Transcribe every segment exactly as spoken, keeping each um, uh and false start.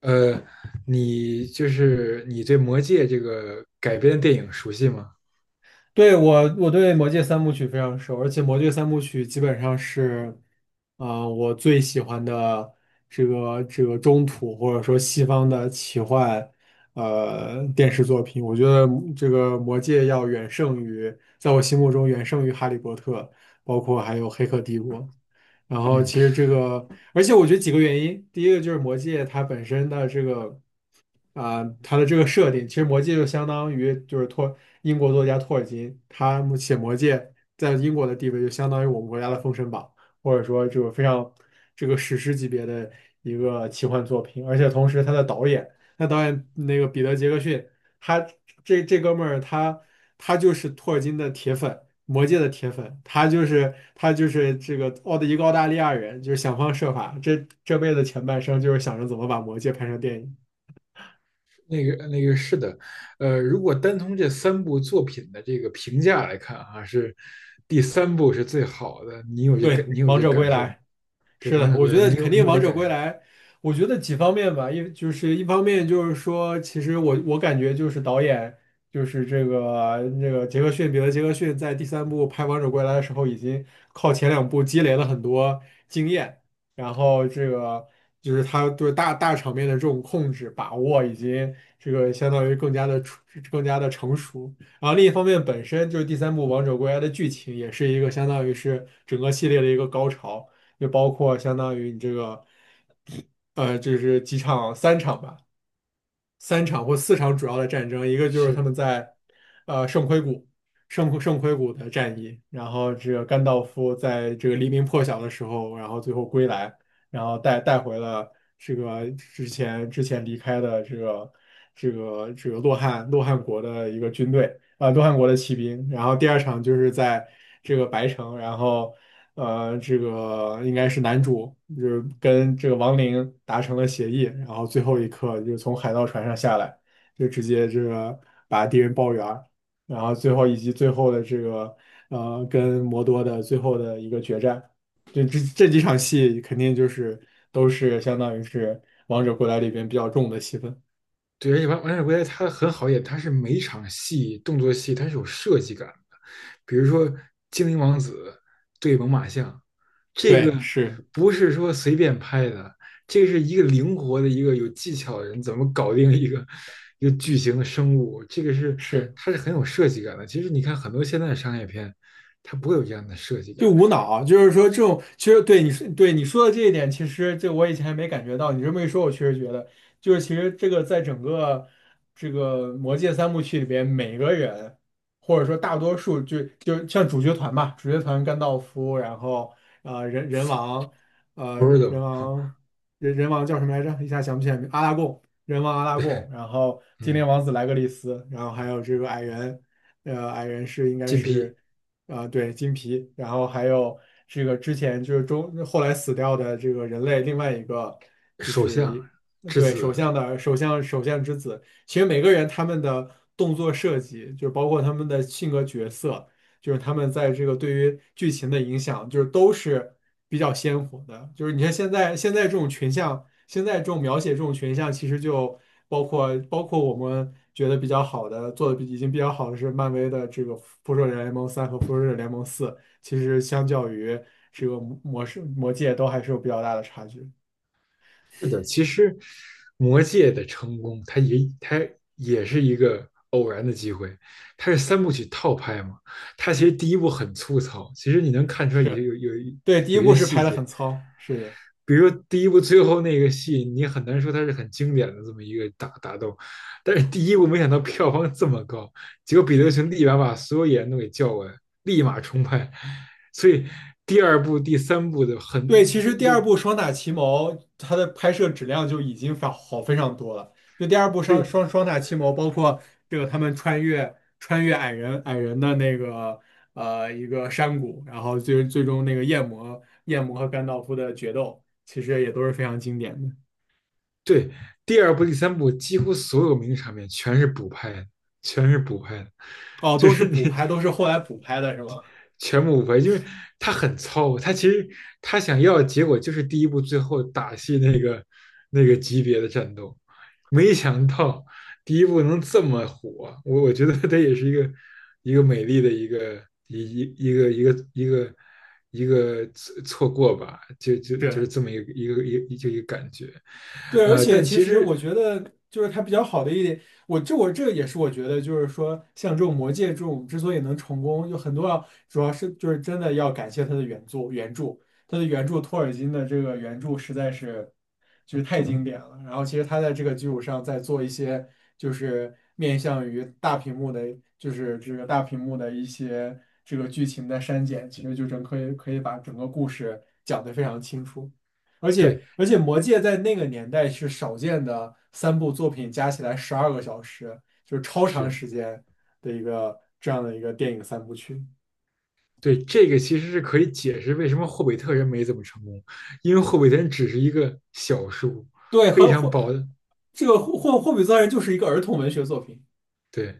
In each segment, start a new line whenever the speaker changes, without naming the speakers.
呃，你就是你对《魔戒》这个改编的电影熟悉吗？
对，我，我对《魔戒》三部曲非常熟，而且《魔戒》三部曲基本上是，呃，我最喜欢的这个这个中土或者说西方的奇幻，呃，电视作品。我觉得这个《魔戒》要远胜于，在我心目中远胜于《哈利波特》，包括还有《黑客帝国》。然后
嗯，
其实这个，而且我觉得几个原因，第一个就是《魔戒》它本身的这个。啊，它的这个设定，其实《魔戒》就相当于就是托英国作家托尔金，他们写《魔戒》在英国的地位就相当于我们国家的《封神榜》，或者说就是非常这个史诗级别的一个奇幻作品。而且同时，他的导演，那导演那个彼得·杰克逊，他这这哥们儿他他就是托尔金的铁粉，《魔戒》的铁粉，他就是他就是这个澳的一个澳大利亚人，就是想方设法，这这辈子前半生就是想着怎么把《魔戒》拍成电影。
那个那个是的。呃，如果单从这三部作品的这个评价来看啊，是第三部是最好的。你有这
对，
个，你有
王
这
者归
感受吗？
来，
对
是
《王
的，
者
我
归
觉
来》，
得
你
肯
有你
定
有
王
这
者
感
归
受？
来，我觉得几方面吧，一就是一方面就是说，其实我我感觉就是导演就是这个那个杰克逊彼得杰克逊在第三部拍《王者归来》的时候，已经靠前两部积累了很多经验，然后这个就是他对大大场面的这种控制把握，已经这个相当于更加的出更加的成熟。然后另一方面，本身就是第三部《王者归来》的剧情也是一个相当于是整个系列的一个高潮。就包括相当于你这个，呃，就是几场三场吧，三场或四场主要的战争，一个就是他
是，
们在，呃，圣盔谷，圣圣盔谷的战役，然后这个甘道夫在这个黎明破晓的时候，然后最后归来，然后带带回了这个之前之前离开的这个这个这个洛汗洛汗国的一个军队。呃东汉国的骑兵，然后第二场就是在这个白城，然后呃这个应该是男主就是跟这个王灵达成了协议，然后最后一刻就是从海盗船上下来，就直接这个把敌人包圆儿，然后最后以及最后的这个呃跟摩多的最后的一个决战，就这这几场戏肯定就是都是相当于是王者归来里边比较重的戏份，
对，而且《王王者归来》它很好演，它是每一场戏动作戏它是有设计感的。比如说精灵王子对猛犸象，这个
对，是
不是说随便拍的，这是一个灵活的一个有技巧的人怎么搞定一个一个巨型的生物。这个是
是。
它是很有设计感的。其实你看很多现在的商业片，它不会有这样的设计
就
感。
无脑，就是说这种，其实对你说，对你说的这一点，其实这我以前还没感觉到，你这么一说，我确实觉得，就是其实这个在整个这个魔戒三部曲里边，每个人或者说大多数就就像主角团吧，主角团甘道夫，然后呃人人王，呃人人
Frodo。
王人人王叫什么来着？一下想不起来名，阿拉贡，人王阿拉贡，然后精灵
嗯。
王子莱格利斯，然后还有这个矮人，呃矮人是应该
金批。
是。啊，对，金皮，然后还有这个之前就是中后来死掉的这个人类另外一个就
首
是
相
一
之
对首
子。
相的首相首相之子，其实每个人他们的动作设计，就包括他们的性格角色，就是他们在这个对于剧情的影响，就是都是比较鲜活的。就是你看现在现在这种群像，现在这种描写这种群像，其实就包括包括我们觉得比较好的，做的比已经比较好的是漫威的这个《复仇者联盟三》和《复仇者联盟四》，其实相较于这个魔魔世魔界都还是有比较大的差距。
是的，其实魔戒的成功，它也它也是一个偶然的机会。它是三部曲套拍嘛，它其实第一部很粗糙，其实你能看出来有
是，
有有
对，第一
有一
部
些
是
细
拍的很
节。
糙，是的。
比如说第一部最后那个戏，你很难说它是很经典的这么一个打打斗，但是第一部没想到票房这么高，结果彼
是。
得熊立马把所有演员都给叫过来，立马重拍。所以第二部、第三部的很
对，其实第
就
二部《双塔奇谋》它的拍摄质量就已经非好非常多了。就第二部
所
双
以
双双塔奇谋，包括这个他们穿越穿越矮人矮人的那个呃一个山谷，然后最最终那个夜魔夜魔和甘道夫的决斗，其实也都是非常经典的。
对，第二部、第三部几乎所有名的场面全是补拍的，全是补拍的，
哦，
就
都是
是
补
你
拍，都是后来补拍的是吗？
全部补拍。因为他很糙，他其实他想要的结果就是第一部最后打戏那个那个级别的战斗，没想到第一部能这么火。我我觉得他也是一个一个美丽的一个一一一个一个一个一个错过吧，就就 就
对。
是这么一个一个一就一个感觉。
对，而
呃，
且
但
其
其
实我
实，
觉得，就是它比较好的一点，我这我这也是我觉得，就是说像这种魔戒这种之所以能成功，有很多要主要是就是真的要感谢它的原作原著，它的原著托尔金的这个原著实在是就是太经典了。然后其实他在这个基础上再做一些就是面向于大屏幕的，就是这个大屏幕的一些这个剧情的删减，其实就整可以可以把整个故事讲得非常清楚。而且
对，
而且《魔戒》在那个年代是少见的三部作品加起来十二个小时，就是超长
是，
时间的一个这样的一个电影三部曲。
对，这个其实是可以解释为什么霍比特人没怎么成功。因为霍比特人只是一个小数，
对，
非
和
常
霍
薄的，
这个霍霍霍比特人就是一个儿童文学作品。
对。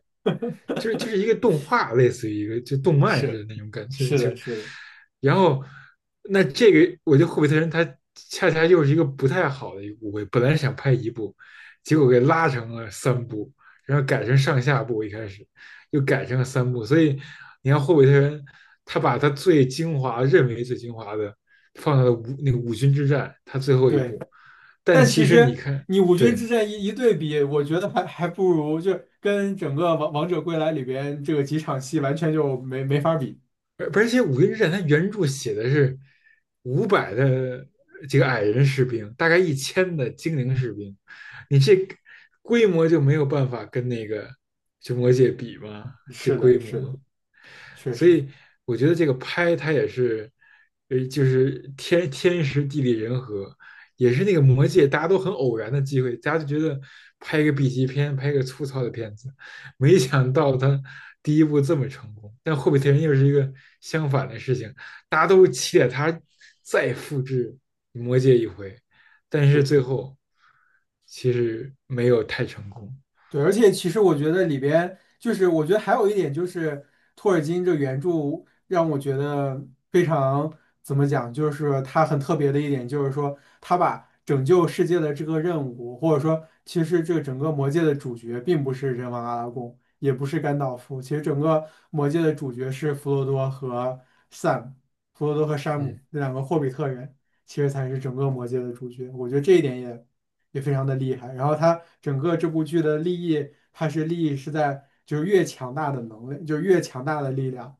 就是就是一 个动画，类似于一个就动漫似的
是
那种感觉。
是
就
的，是的，
然后那这个我觉得《霍比特人》他恰恰又是一个不太好的一个误会。本来是想拍一部，结果给拉成了三部，然后改成上下部，一开始又改成了三部。所以你看《霍比特人》，他把他最精华认为最精华的放到了五那个五军之战，他最后一
对。
部。但
但其
其实你
实
看，
你五军
对，
之战一一对比，我觉得还还不如就跟整个王王者归来里边这个几场戏完全就没没法比。
而而且《五林之战》它原著写的是五百的这个矮人士兵，大概一千的精灵士兵。你这规模就没有办法跟那个就魔界比吗？这
是的，
规模，
是的，确
所
实。
以我觉得这个拍它也是，呃，就是天天时地利人和。也是那个魔戒大家都很偶然的机会，大家就觉得拍一个 B 级片，拍一个粗糙的片子，没想到他第一部这么成功。但《霍比特人》又是一个相反的事情，大家都期待他再复制魔戒一回，但是
是。
最后其实没有太成功。
对，而且其实我觉得里边就是，我觉得还有一点就是托尔金这原著让我觉得非常怎么讲，就是他很特别的一点，就是说他把拯救世界的这个任务，或者说其实这个整个魔界的主角并不是人王阿拉贡，也不是甘道夫，其实整个魔界的主角是弗罗多和 Sam，弗罗多和山姆
嗯，
这两个霍比特人，其实才是整个魔界的主角。我觉得这一点也。也非常的厉害。然后它整个这部剧的利益，它是利益是在就是越强大的能力，就是越强大的力量，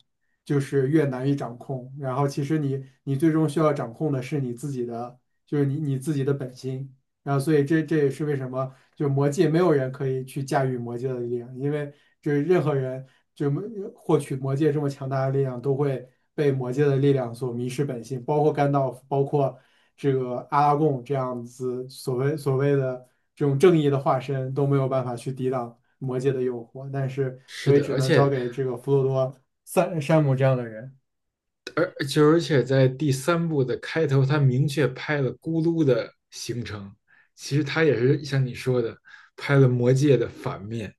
就是越难以掌控。然后其实你你最终需要掌控的是你自己的，就是你你自己的本心。然后所以这这也是为什么。就魔界没有人可以去驾驭魔界的力量，因为就是任何人就没获取魔界这么强大的力量，都会被魔界的力量所迷失本性，包括甘道夫，包括这个阿拉贡这样子所谓所谓的这种正义的化身都没有办法去抵挡魔界的诱惑，但是
是
所以
的，
只
而
能交
且
给这个弗罗多、三山姆这样的人。
而就而且在第三部的开头，他明确拍了咕噜的形成。其实他也是像你说的，拍了魔戒的反面。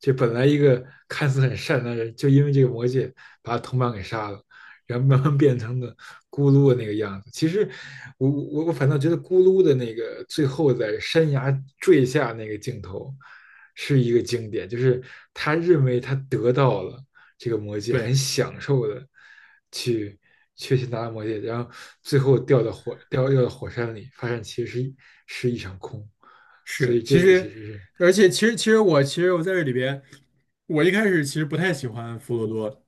这本来一个看似很善良的人，就因为这个魔戒把他同伴给杀了，然后慢慢变成了咕噜的那个样子。其实我我我反倒觉得咕噜的那个最后在山崖坠下那个镜头是一个经典。就是他认为他得到了这个魔戒，很
对。
享受的去去去拿到魔戒，然后最后掉到火掉掉到火山里，发现其实是是一场空。所
是，
以这
其
个其
实，
实是
而且其实其实我其实我在这里边，我一开始其实不太喜欢弗罗多，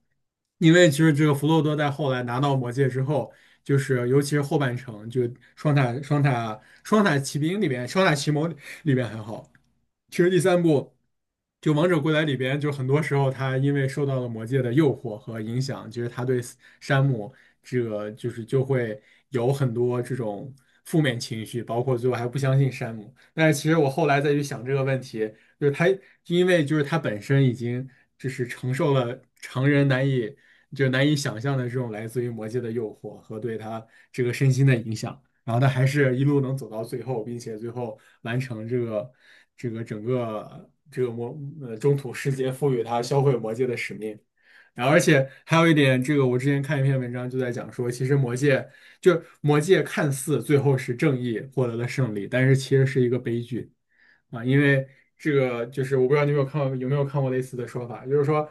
因为其实这个弗罗多在后来拿到魔戒之后，就是尤其是后半程，就双塔双塔双塔奇兵里边，双塔奇谋里边还好，其实第三部就《王者归来》里边，就很多时候他因为受到了魔戒的诱惑和影响，其实他对山姆这个就是就会有很多这种负面情绪，包括最后还不相信山姆。但是其实我后来再去想这个问题，就是他因为就是他本身已经就是承受了常人难以就难以想象的这种来自于魔界的诱惑和对他这个身心的影响，然后他还是一路能走到最后，并且最后完成这个这个整个这个魔呃中土世界赋予他销毁魔界的使命。然后，而且还有一点，这个我之前看一篇文章就在讲说，其实魔戒就魔戒看似最后是正义获得了胜利，但是其实是一个悲剧啊，因为这个就是我不知道你有没有看过有没有看过类似的说法，就是说，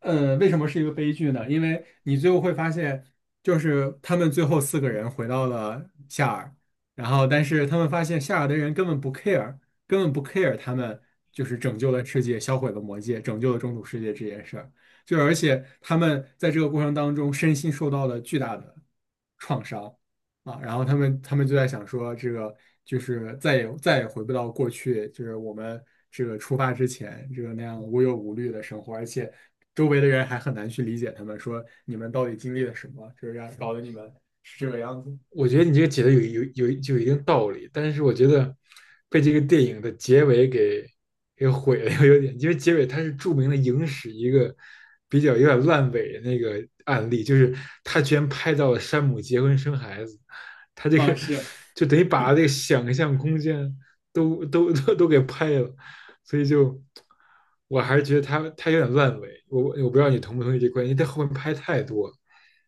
嗯，为什么是一个悲剧呢？因为你最后会发现，就是他们最后四个人回到了夏尔，然后但是他们发现夏尔的人根本不 care，根本不 care 他们就是拯救了世界，销毁了魔戒，拯救了中土世界这件事儿。就而且他们在这个过程当中身心受到了巨大的创伤啊，然后他们他们就在想说，这个就是再也再也回不到过去，就是我们这个出发之前这个那样无忧无虑的生活，而且周围的人还很难去理解他们，说你们到底经历了什么，就是让搞得你们是这个样子
我觉得你这个解的有有有就有一定道理，但是我觉得被这个电影的结尾给给毁了，有点。因为结尾它是著名的影史一个比较有点烂尾的那个案例，就是他居然拍到了山姆结婚生孩子。他这
啊，
个
是。
就等于把这个想象空间都都都都给拍了。所以就我还是觉得他他有点烂尾。我我不知道你同不同意这观点，因为他后面拍太多了。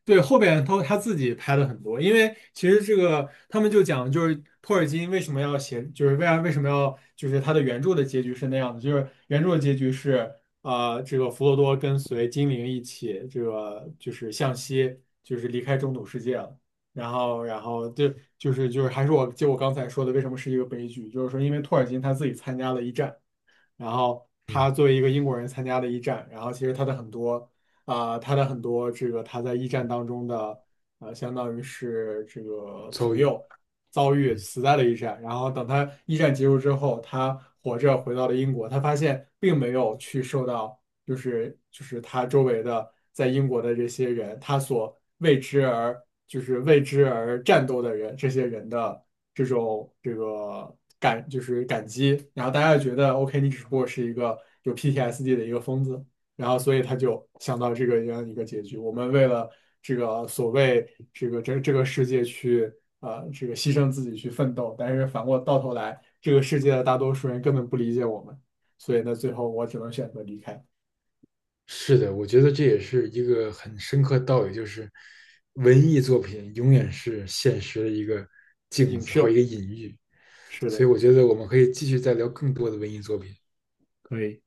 对，后边他他自己拍的很多，因为其实这个他们就讲，就是托尔金为什么要写，就是为啥为什么要，就是他的原著的结局是那样的，就是原著的结局是，呃，这个弗罗多跟随精灵一起，这个就是向西，就是离开中土世界了，然后然后对，就是就是还是我就我刚才说的，为什么是一个悲剧，就是说因为托尔金他自己参加了一战。然后
嗯，
他作为一个英国人参加的一战，然后其实他的很多啊、他的很多这个他在一战当中的呃，相当于是这个
遭
朋
遇。
友遭遇
嗯。
死在了一战，然后等他一战结束之后，他活着回到了英国，他发现并没有去受到。就是就是他周围的在英国的这些人，他所为之而就是为之而战斗的人，这些人的这种这个感就是感激，然后大家就觉得 OK，你只不过是一个有 P T S D 的一个疯子，然后所以他就想到这个这样一个结局。我们为了这个所谓这个这这个世界去呃这个牺牲自己去奋斗，但是反过到头来，这个世界的大多数人根本不理解我们。所以呢，最后我只能选择离开。
是的，我觉得这也是一个很深刻的道理，就是文艺作品永远是现实的一个镜
影
子或一
射，
个隐喻。
是
所
的，
以我觉得我们可以继续再聊更多的文艺作品。
可以。